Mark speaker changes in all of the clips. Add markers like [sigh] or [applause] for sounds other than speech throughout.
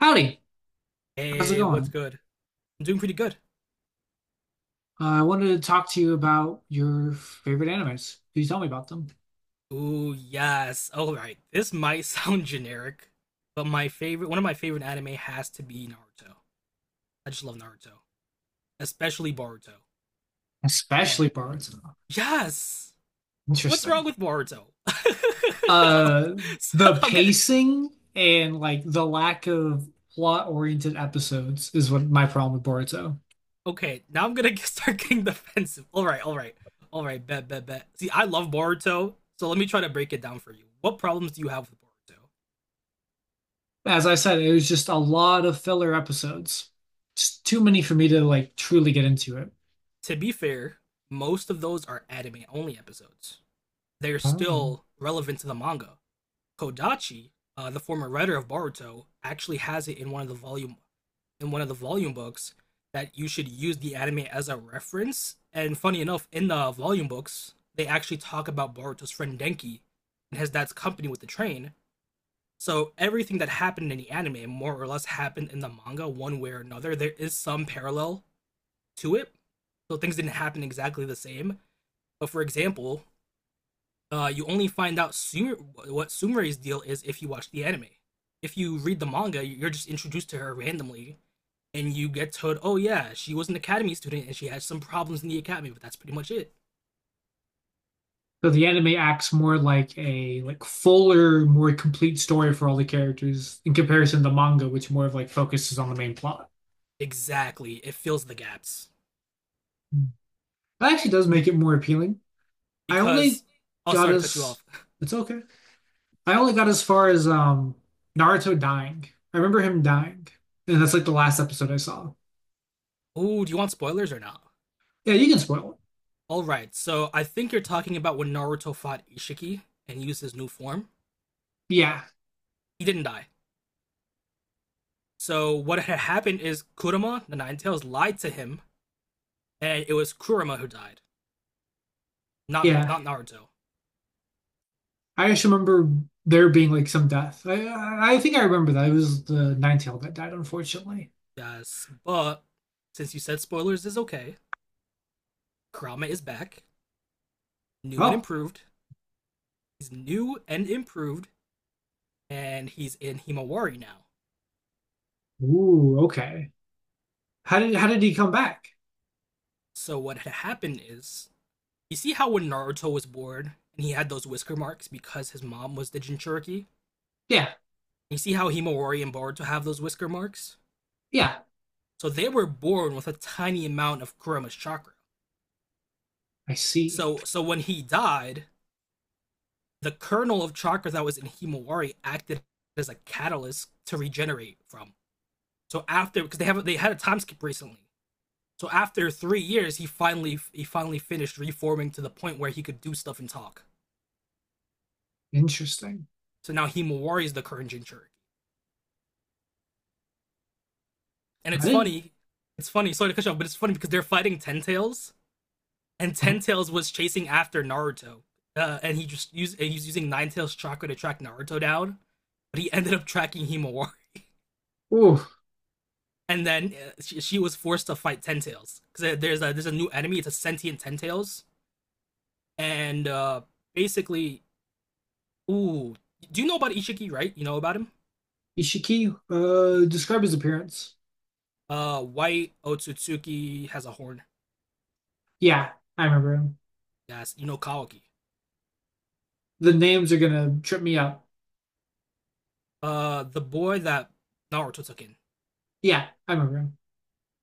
Speaker 1: Howdy, how's it
Speaker 2: Hey, what's
Speaker 1: going?
Speaker 2: good? I'm doing pretty good.
Speaker 1: I wanted to talk to you about your favorite animes. Could you tell me about them?
Speaker 2: Ooh, yes. All right. This might [laughs] sound generic, but my favorite, one of my favorite anime has to be Naruto. I just love Naruto, especially Boruto. And
Speaker 1: Especially Boruto.
Speaker 2: yes, what's
Speaker 1: Interesting.
Speaker 2: wrong with Boruto? [laughs]
Speaker 1: Uh,
Speaker 2: so
Speaker 1: the
Speaker 2: I'm gonna,
Speaker 1: pacing and like the lack of plot-oriented episodes is what my problem with Boruto.
Speaker 2: okay, now I'm gonna start getting defensive. All right, all right, all right. Bet, bet, bet. See, I love Boruto, so let me try to break it down for you. What problems do you have with Boruto?
Speaker 1: As I said, it was just a lot of filler episodes. Just too many for me to like truly get into it.
Speaker 2: To be fair, most of those are anime only episodes. They're
Speaker 1: Oh.
Speaker 2: still relevant to the manga. Kodachi, the former writer of Boruto, actually has it in one of the volume in one of the volume books that you should use the anime as a reference. And funny enough, in the volume books, they actually talk about Boruto's friend Denki and his dad's company with the train. So everything that happened in the anime more or less happened in the manga one way or another. There is some parallel to it. So things didn't happen exactly the same. But for example, you only find out Sumer, what Sumere's deal is if you watch the anime. If you read the manga, you're just introduced to her randomly, and you get told, "Oh yeah, she was an academy student and she had some problems in the academy," but that's pretty much it.
Speaker 1: So the anime acts more like a like fuller, more complete story for all the characters in comparison to the manga, which more of like focuses on the main plot.
Speaker 2: Exactly, it fills the gaps
Speaker 1: That actually does make it more appealing. I
Speaker 2: because.
Speaker 1: only
Speaker 2: Oh,
Speaker 1: got
Speaker 2: sorry to cut you
Speaker 1: as
Speaker 2: off. [laughs]
Speaker 1: It's okay. I only got as far as Naruto dying. I remember him dying, and that's like the last episode I saw.
Speaker 2: Oh, do you want spoilers or not?
Speaker 1: Yeah, you can spoil it.
Speaker 2: All right, so I think you're talking about when Naruto fought Ishiki and used his new form.
Speaker 1: Yeah,
Speaker 2: He didn't die. So what had happened is Kurama, the Nine Tails, lied to him, and it was Kurama who died. Not Bar-
Speaker 1: yeah.
Speaker 2: not Naruto.
Speaker 1: I just remember there being like some death. I think I remember that it was the Ninetale that died, unfortunately.
Speaker 2: Yes, but since you said spoilers is okay, Kurama is back, new and
Speaker 1: Oh,
Speaker 2: improved. He's new and improved, and he's in Himawari now.
Speaker 1: ooh, okay. How did he come back?
Speaker 2: So what had happened is, you see how when Naruto was born and he had those whisker marks because his mom was the Jinchuriki.
Speaker 1: Yeah,
Speaker 2: You see how Himawari and Boruto have those whisker marks.
Speaker 1: yeah,
Speaker 2: So they were born with a tiny amount of Kurama's chakra.
Speaker 1: I see.
Speaker 2: So when he died, the kernel of chakra that was in Himawari acted as a catalyst to regenerate from. So after, because they had a time skip recently. So after 3 years, he finally finished reforming to the point where he could do stuff and talk.
Speaker 1: Interesting.
Speaker 2: So now Himawari is the current Jinchuriki. And
Speaker 1: I
Speaker 2: it's
Speaker 1: didn't.
Speaker 2: funny, it's funny. Sorry to cut you off, but it's funny because they're fighting Ten Tails, and
Speaker 1: Oh,
Speaker 2: Ten Tails was chasing after Naruto, and he just used he's using Nine Tails chakra to track Naruto down, but he ended up tracking Himawari.
Speaker 1: ooh.
Speaker 2: And then she was forced to fight Ten Tails because there's a new enemy. It's a sentient Ten Tails, and basically, ooh, do you know about Ishiki? Right, you know about him.
Speaker 1: Ishiki, describe his appearance.
Speaker 2: White Otsutsuki has a horn.
Speaker 1: Yeah, I remember him.
Speaker 2: Yes, you know Kawaki.
Speaker 1: The names are gonna trip me up.
Speaker 2: The boy that Naruto took in.
Speaker 1: Yeah, I remember him.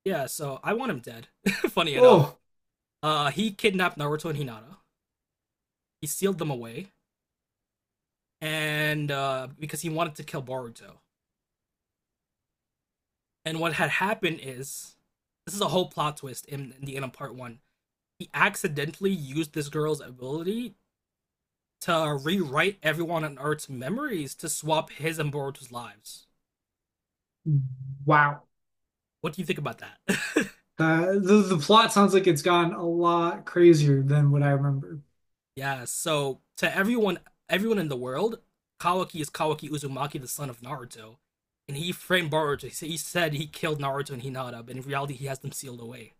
Speaker 2: Yeah, so I want him dead. [laughs] Funny enough,
Speaker 1: Oh,
Speaker 2: he kidnapped Naruto and Hinata. He sealed them away, and because he wanted to kill Boruto. And what had happened is, this is a whole plot twist in the end of part one, he accidentally used this girl's ability to rewrite everyone on Earth's memories to swap his and Boruto's lives.
Speaker 1: wow.
Speaker 2: What do you think about that? [laughs]
Speaker 1: The plot sounds like it's gone a lot crazier than what I remember.
Speaker 2: Yeah, so to everyone, everyone in the world, Kawaki is Kawaki Uzumaki, the son of Naruto. And he framed Boruto. He said he killed Naruto and Hinata, but in reality, he has them sealed away.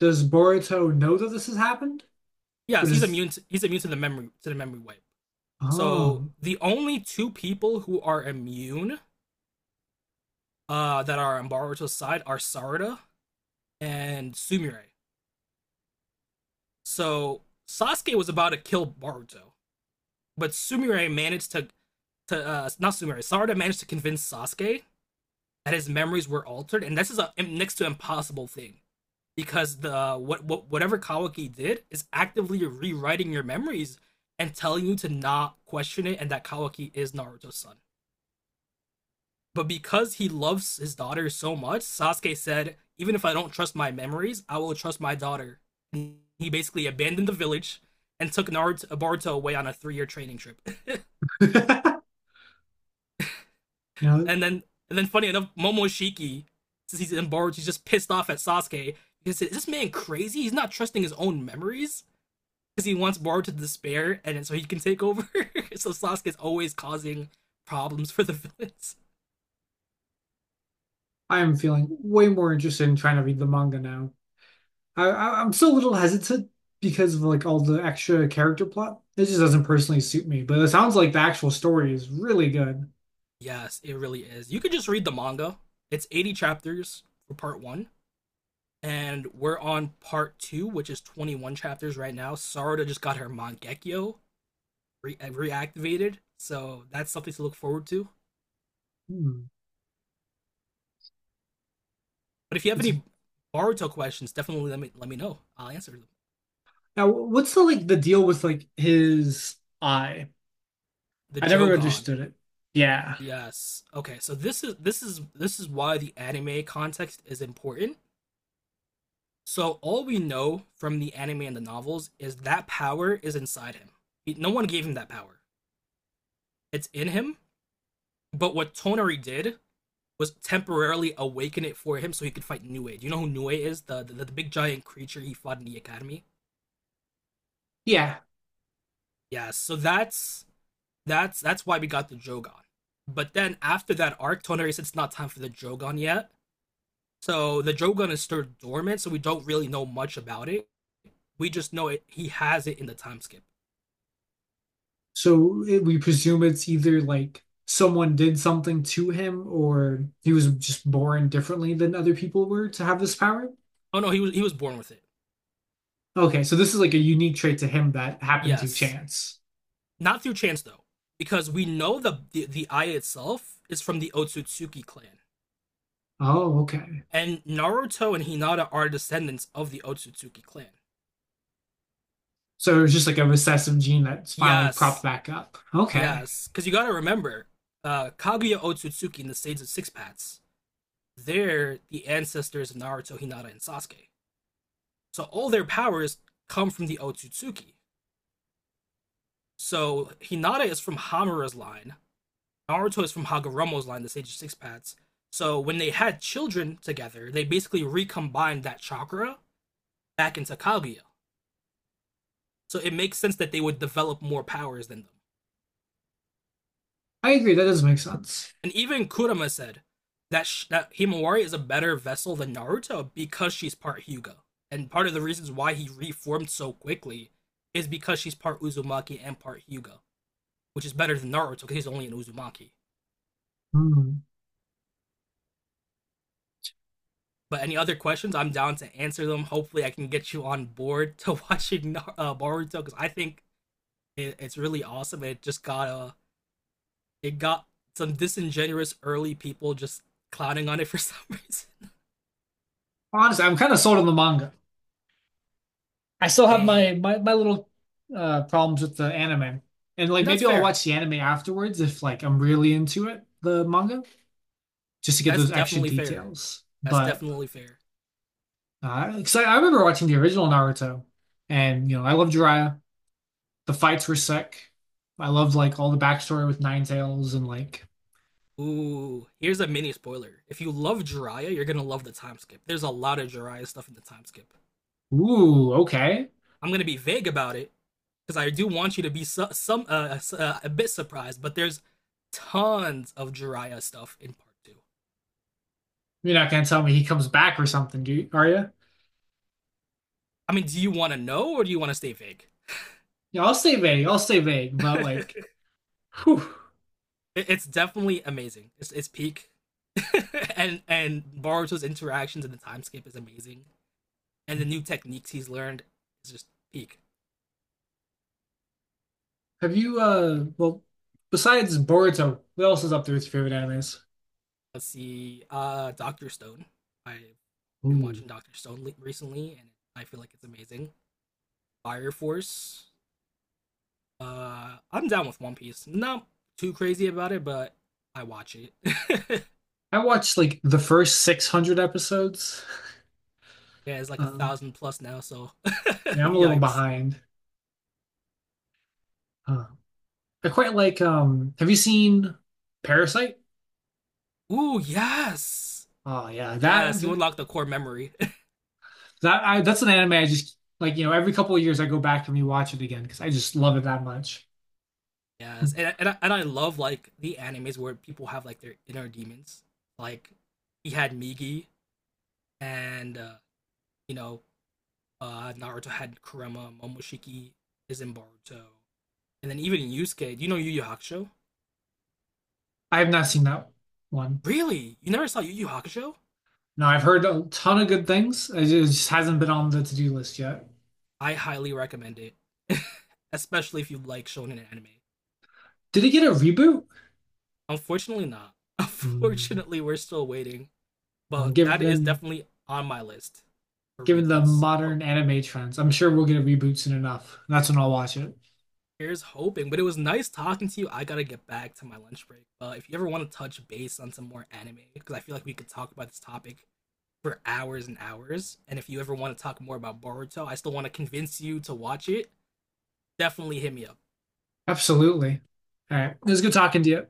Speaker 1: Does Boruto know that this has happened?
Speaker 2: Yes,
Speaker 1: Which
Speaker 2: he's
Speaker 1: is
Speaker 2: immune. To, he's immune to the memory wipe. So
Speaker 1: oh,
Speaker 2: the only two people who are immune that are on Boruto's side are Sarada and Sumire. So Sasuke was about to kill Baruto, but Sumire managed to not Sumire. Sarada managed to convince Sasuke that his memories were altered, and this is a next to impossible thing because what whatever Kawaki did is actively rewriting your memories and telling you to not question it, and that Kawaki is Naruto's son. But because he loves his daughter so much, Sasuke said, Even if I don't trust my memories, I will trust my daughter. And he basically abandoned the village and took Naruto, Boruto away on a 3 year training trip. [laughs]
Speaker 1: [laughs] you know,
Speaker 2: And then, and then funny enough, Momoshiki, since he's in Boruto, he's just pissed off at Sasuke. He said, Is this man crazy? He's not trusting his own memories because he wants Boruto to despair and so he can take over. [laughs] So Sasuke's always causing problems for the [laughs] villains.
Speaker 1: I'm feeling way more interested in trying to read the manga now. I'm still a little hesitant because of like all the extra character plot. It just doesn't personally suit me. But it sounds like the actual story is really good.
Speaker 2: Yes, it really is. You could just read the manga. It's 80 chapters for part one, and we're on part two, which is 21 chapters right now. Sarada just got her Mangekyo re- reactivated, so that's something to look forward to.
Speaker 1: Hmm.
Speaker 2: But if you have
Speaker 1: It's,
Speaker 2: any Boruto questions, definitely let me know. I'll answer them.
Speaker 1: now, what's the like the deal with like his eye?
Speaker 2: The
Speaker 1: I never
Speaker 2: Jogan.
Speaker 1: understood it. Yeah,
Speaker 2: Yes. Okay. So this is this is why the anime context is important. So all we know from the anime and the novels is that power is inside him. No one gave him that power. It's in him. But what Tonari did was temporarily awaken it for him so he could fight Nue. Do you know who Nue is? The big giant creature he fought in the academy.
Speaker 1: yeah.
Speaker 2: Yeah, so that's why we got the Jogan. But then after that arc, Tonari said it's not time for the Jogan yet. So the Jogan is still dormant, so we don't really know much about it. We just know it he has it in the time skip.
Speaker 1: So it, we presume it's either like someone did something to him, or he was just born differently than other people were to have this power.
Speaker 2: Oh no, he was born with it.
Speaker 1: Okay, so this is like a unique trait to him that happened to
Speaker 2: Yes.
Speaker 1: chance.
Speaker 2: Not through chance though. Because we know the eye itself is from the Otsutsuki clan.
Speaker 1: Oh, okay.
Speaker 2: And Naruto and Hinata are descendants of the Otsutsuki clan.
Speaker 1: So it was just like a recessive gene that's finally propped
Speaker 2: Yes,
Speaker 1: back up. Okay.
Speaker 2: yes. Because you gotta remember, Kaguya Otsutsuki and the Sage of Six Paths, they're the ancestors of Naruto, Hinata, and Sasuke. So all their powers come from the Otsutsuki. So Hinata is from Hamura's line, Naruto is from Hagoromo's line, the Sage of Six Paths. So when they had children together, they basically recombined that chakra back into Kaguya. So it makes sense that they would develop more powers than them.
Speaker 1: I agree. That does make sense.
Speaker 2: And even Kurama said that sh- that Himawari is a better vessel than Naruto because she's part Hyuga. And part of the reasons why he reformed so quickly is because she's part Uzumaki and part Hyuga, which is better than Naruto because he's only an Uzumaki.
Speaker 1: Hmm.
Speaker 2: But any other questions, I'm down to answer them. Hopefully, I can get you on board [laughs] to watching Boruto because I think it's really awesome. It just got it got some disingenuous early people just clowning on it for some reason. [laughs]
Speaker 1: Honestly, I'm kind of sold on the manga. I still have my
Speaker 2: Hey,
Speaker 1: my, my little problems with the anime. And like
Speaker 2: that's
Speaker 1: maybe I'll
Speaker 2: fair.
Speaker 1: watch the anime afterwards if like I'm really into it, the manga, just to get
Speaker 2: That's
Speaker 1: those extra
Speaker 2: definitely fair.
Speaker 1: details.
Speaker 2: That's
Speaker 1: But
Speaker 2: definitely fair.
Speaker 1: 'cause I remember watching the original Naruto and you know, I loved Jiraiya. The fights were sick. I loved like all the backstory with Nine Tails and like,
Speaker 2: Ooh, here's a mini spoiler. If you love Jiraiya, you're gonna love the time skip. There's a lot of Jiraiya stuff in the time skip.
Speaker 1: ooh, okay.
Speaker 2: I'm gonna be vague about it because I do want you to be su- some a bit surprised. But there's tons of Jiraiya stuff in part two.
Speaker 1: You're not gonna tell me he comes back or something, are you?
Speaker 2: I mean, do you want to know or do you want to stay vague?
Speaker 1: Yeah, I'll stay vague. I'll stay vague, but like, whew.
Speaker 2: [laughs] It's definitely amazing. It's peak, [laughs] and Boruto's interactions in the time skip is amazing, and the new techniques he's learned is just peak.
Speaker 1: Have you besides Boruto, what else is up there with your favorite animes?
Speaker 2: Let's see. Doctor Stone. I've been
Speaker 1: Ooh.
Speaker 2: watching Doctor Stone recently, and I feel like it's amazing. Fire Force. I'm down with One Piece. Not too crazy about it, but I watch it. [laughs]
Speaker 1: I watched like the first 600 episodes. [laughs]
Speaker 2: Yeah, it's like a
Speaker 1: Um,
Speaker 2: thousand plus now. So, [laughs]
Speaker 1: yeah, I'm a little
Speaker 2: yikes.
Speaker 1: behind. Uh, I quite like have you seen Parasite?
Speaker 2: Ooh, yes,
Speaker 1: Oh yeah, that
Speaker 2: yes. You unlock the core memory.
Speaker 1: that I that's an anime I just like, you know, every couple of years I go back and rewatch it again because I just love it that much.
Speaker 2: [laughs] Yes, and I love like the animes where people have like their inner demons. Like he had Migi, and you know Naruto had Kurama, Momoshiki is in Boruto, and then even in Yusuke. Do you know Yu Yu Hakusho?
Speaker 1: I have not seen that one.
Speaker 2: Really? You never saw Yu Yu Hakusho?
Speaker 1: No, I've heard a ton of good things. It just hasn't been on the to-do list yet.
Speaker 2: I highly recommend it, [laughs] especially if you like shonen anime.
Speaker 1: Did it get a reboot?
Speaker 2: Unfortunately, not. [laughs]
Speaker 1: Hmm.
Speaker 2: Unfortunately, we're still waiting,
Speaker 1: Uh,
Speaker 2: but that is
Speaker 1: given
Speaker 2: definitely on my list for
Speaker 1: Given the
Speaker 2: reboots.
Speaker 1: modern
Speaker 2: Hope.
Speaker 1: anime trends, I'm sure we'll get a reboot soon enough. That's when I'll watch it.
Speaker 2: Here's hoping, but it was nice talking to you. I gotta get back to my lunch break. If you ever want to touch base on some more anime, because I feel like we could talk about this topic for hours and hours. And if you ever want to talk more about Boruto, I still want to convince you to watch it. Definitely hit me up.
Speaker 1: Absolutely. All right. It was good talking to you.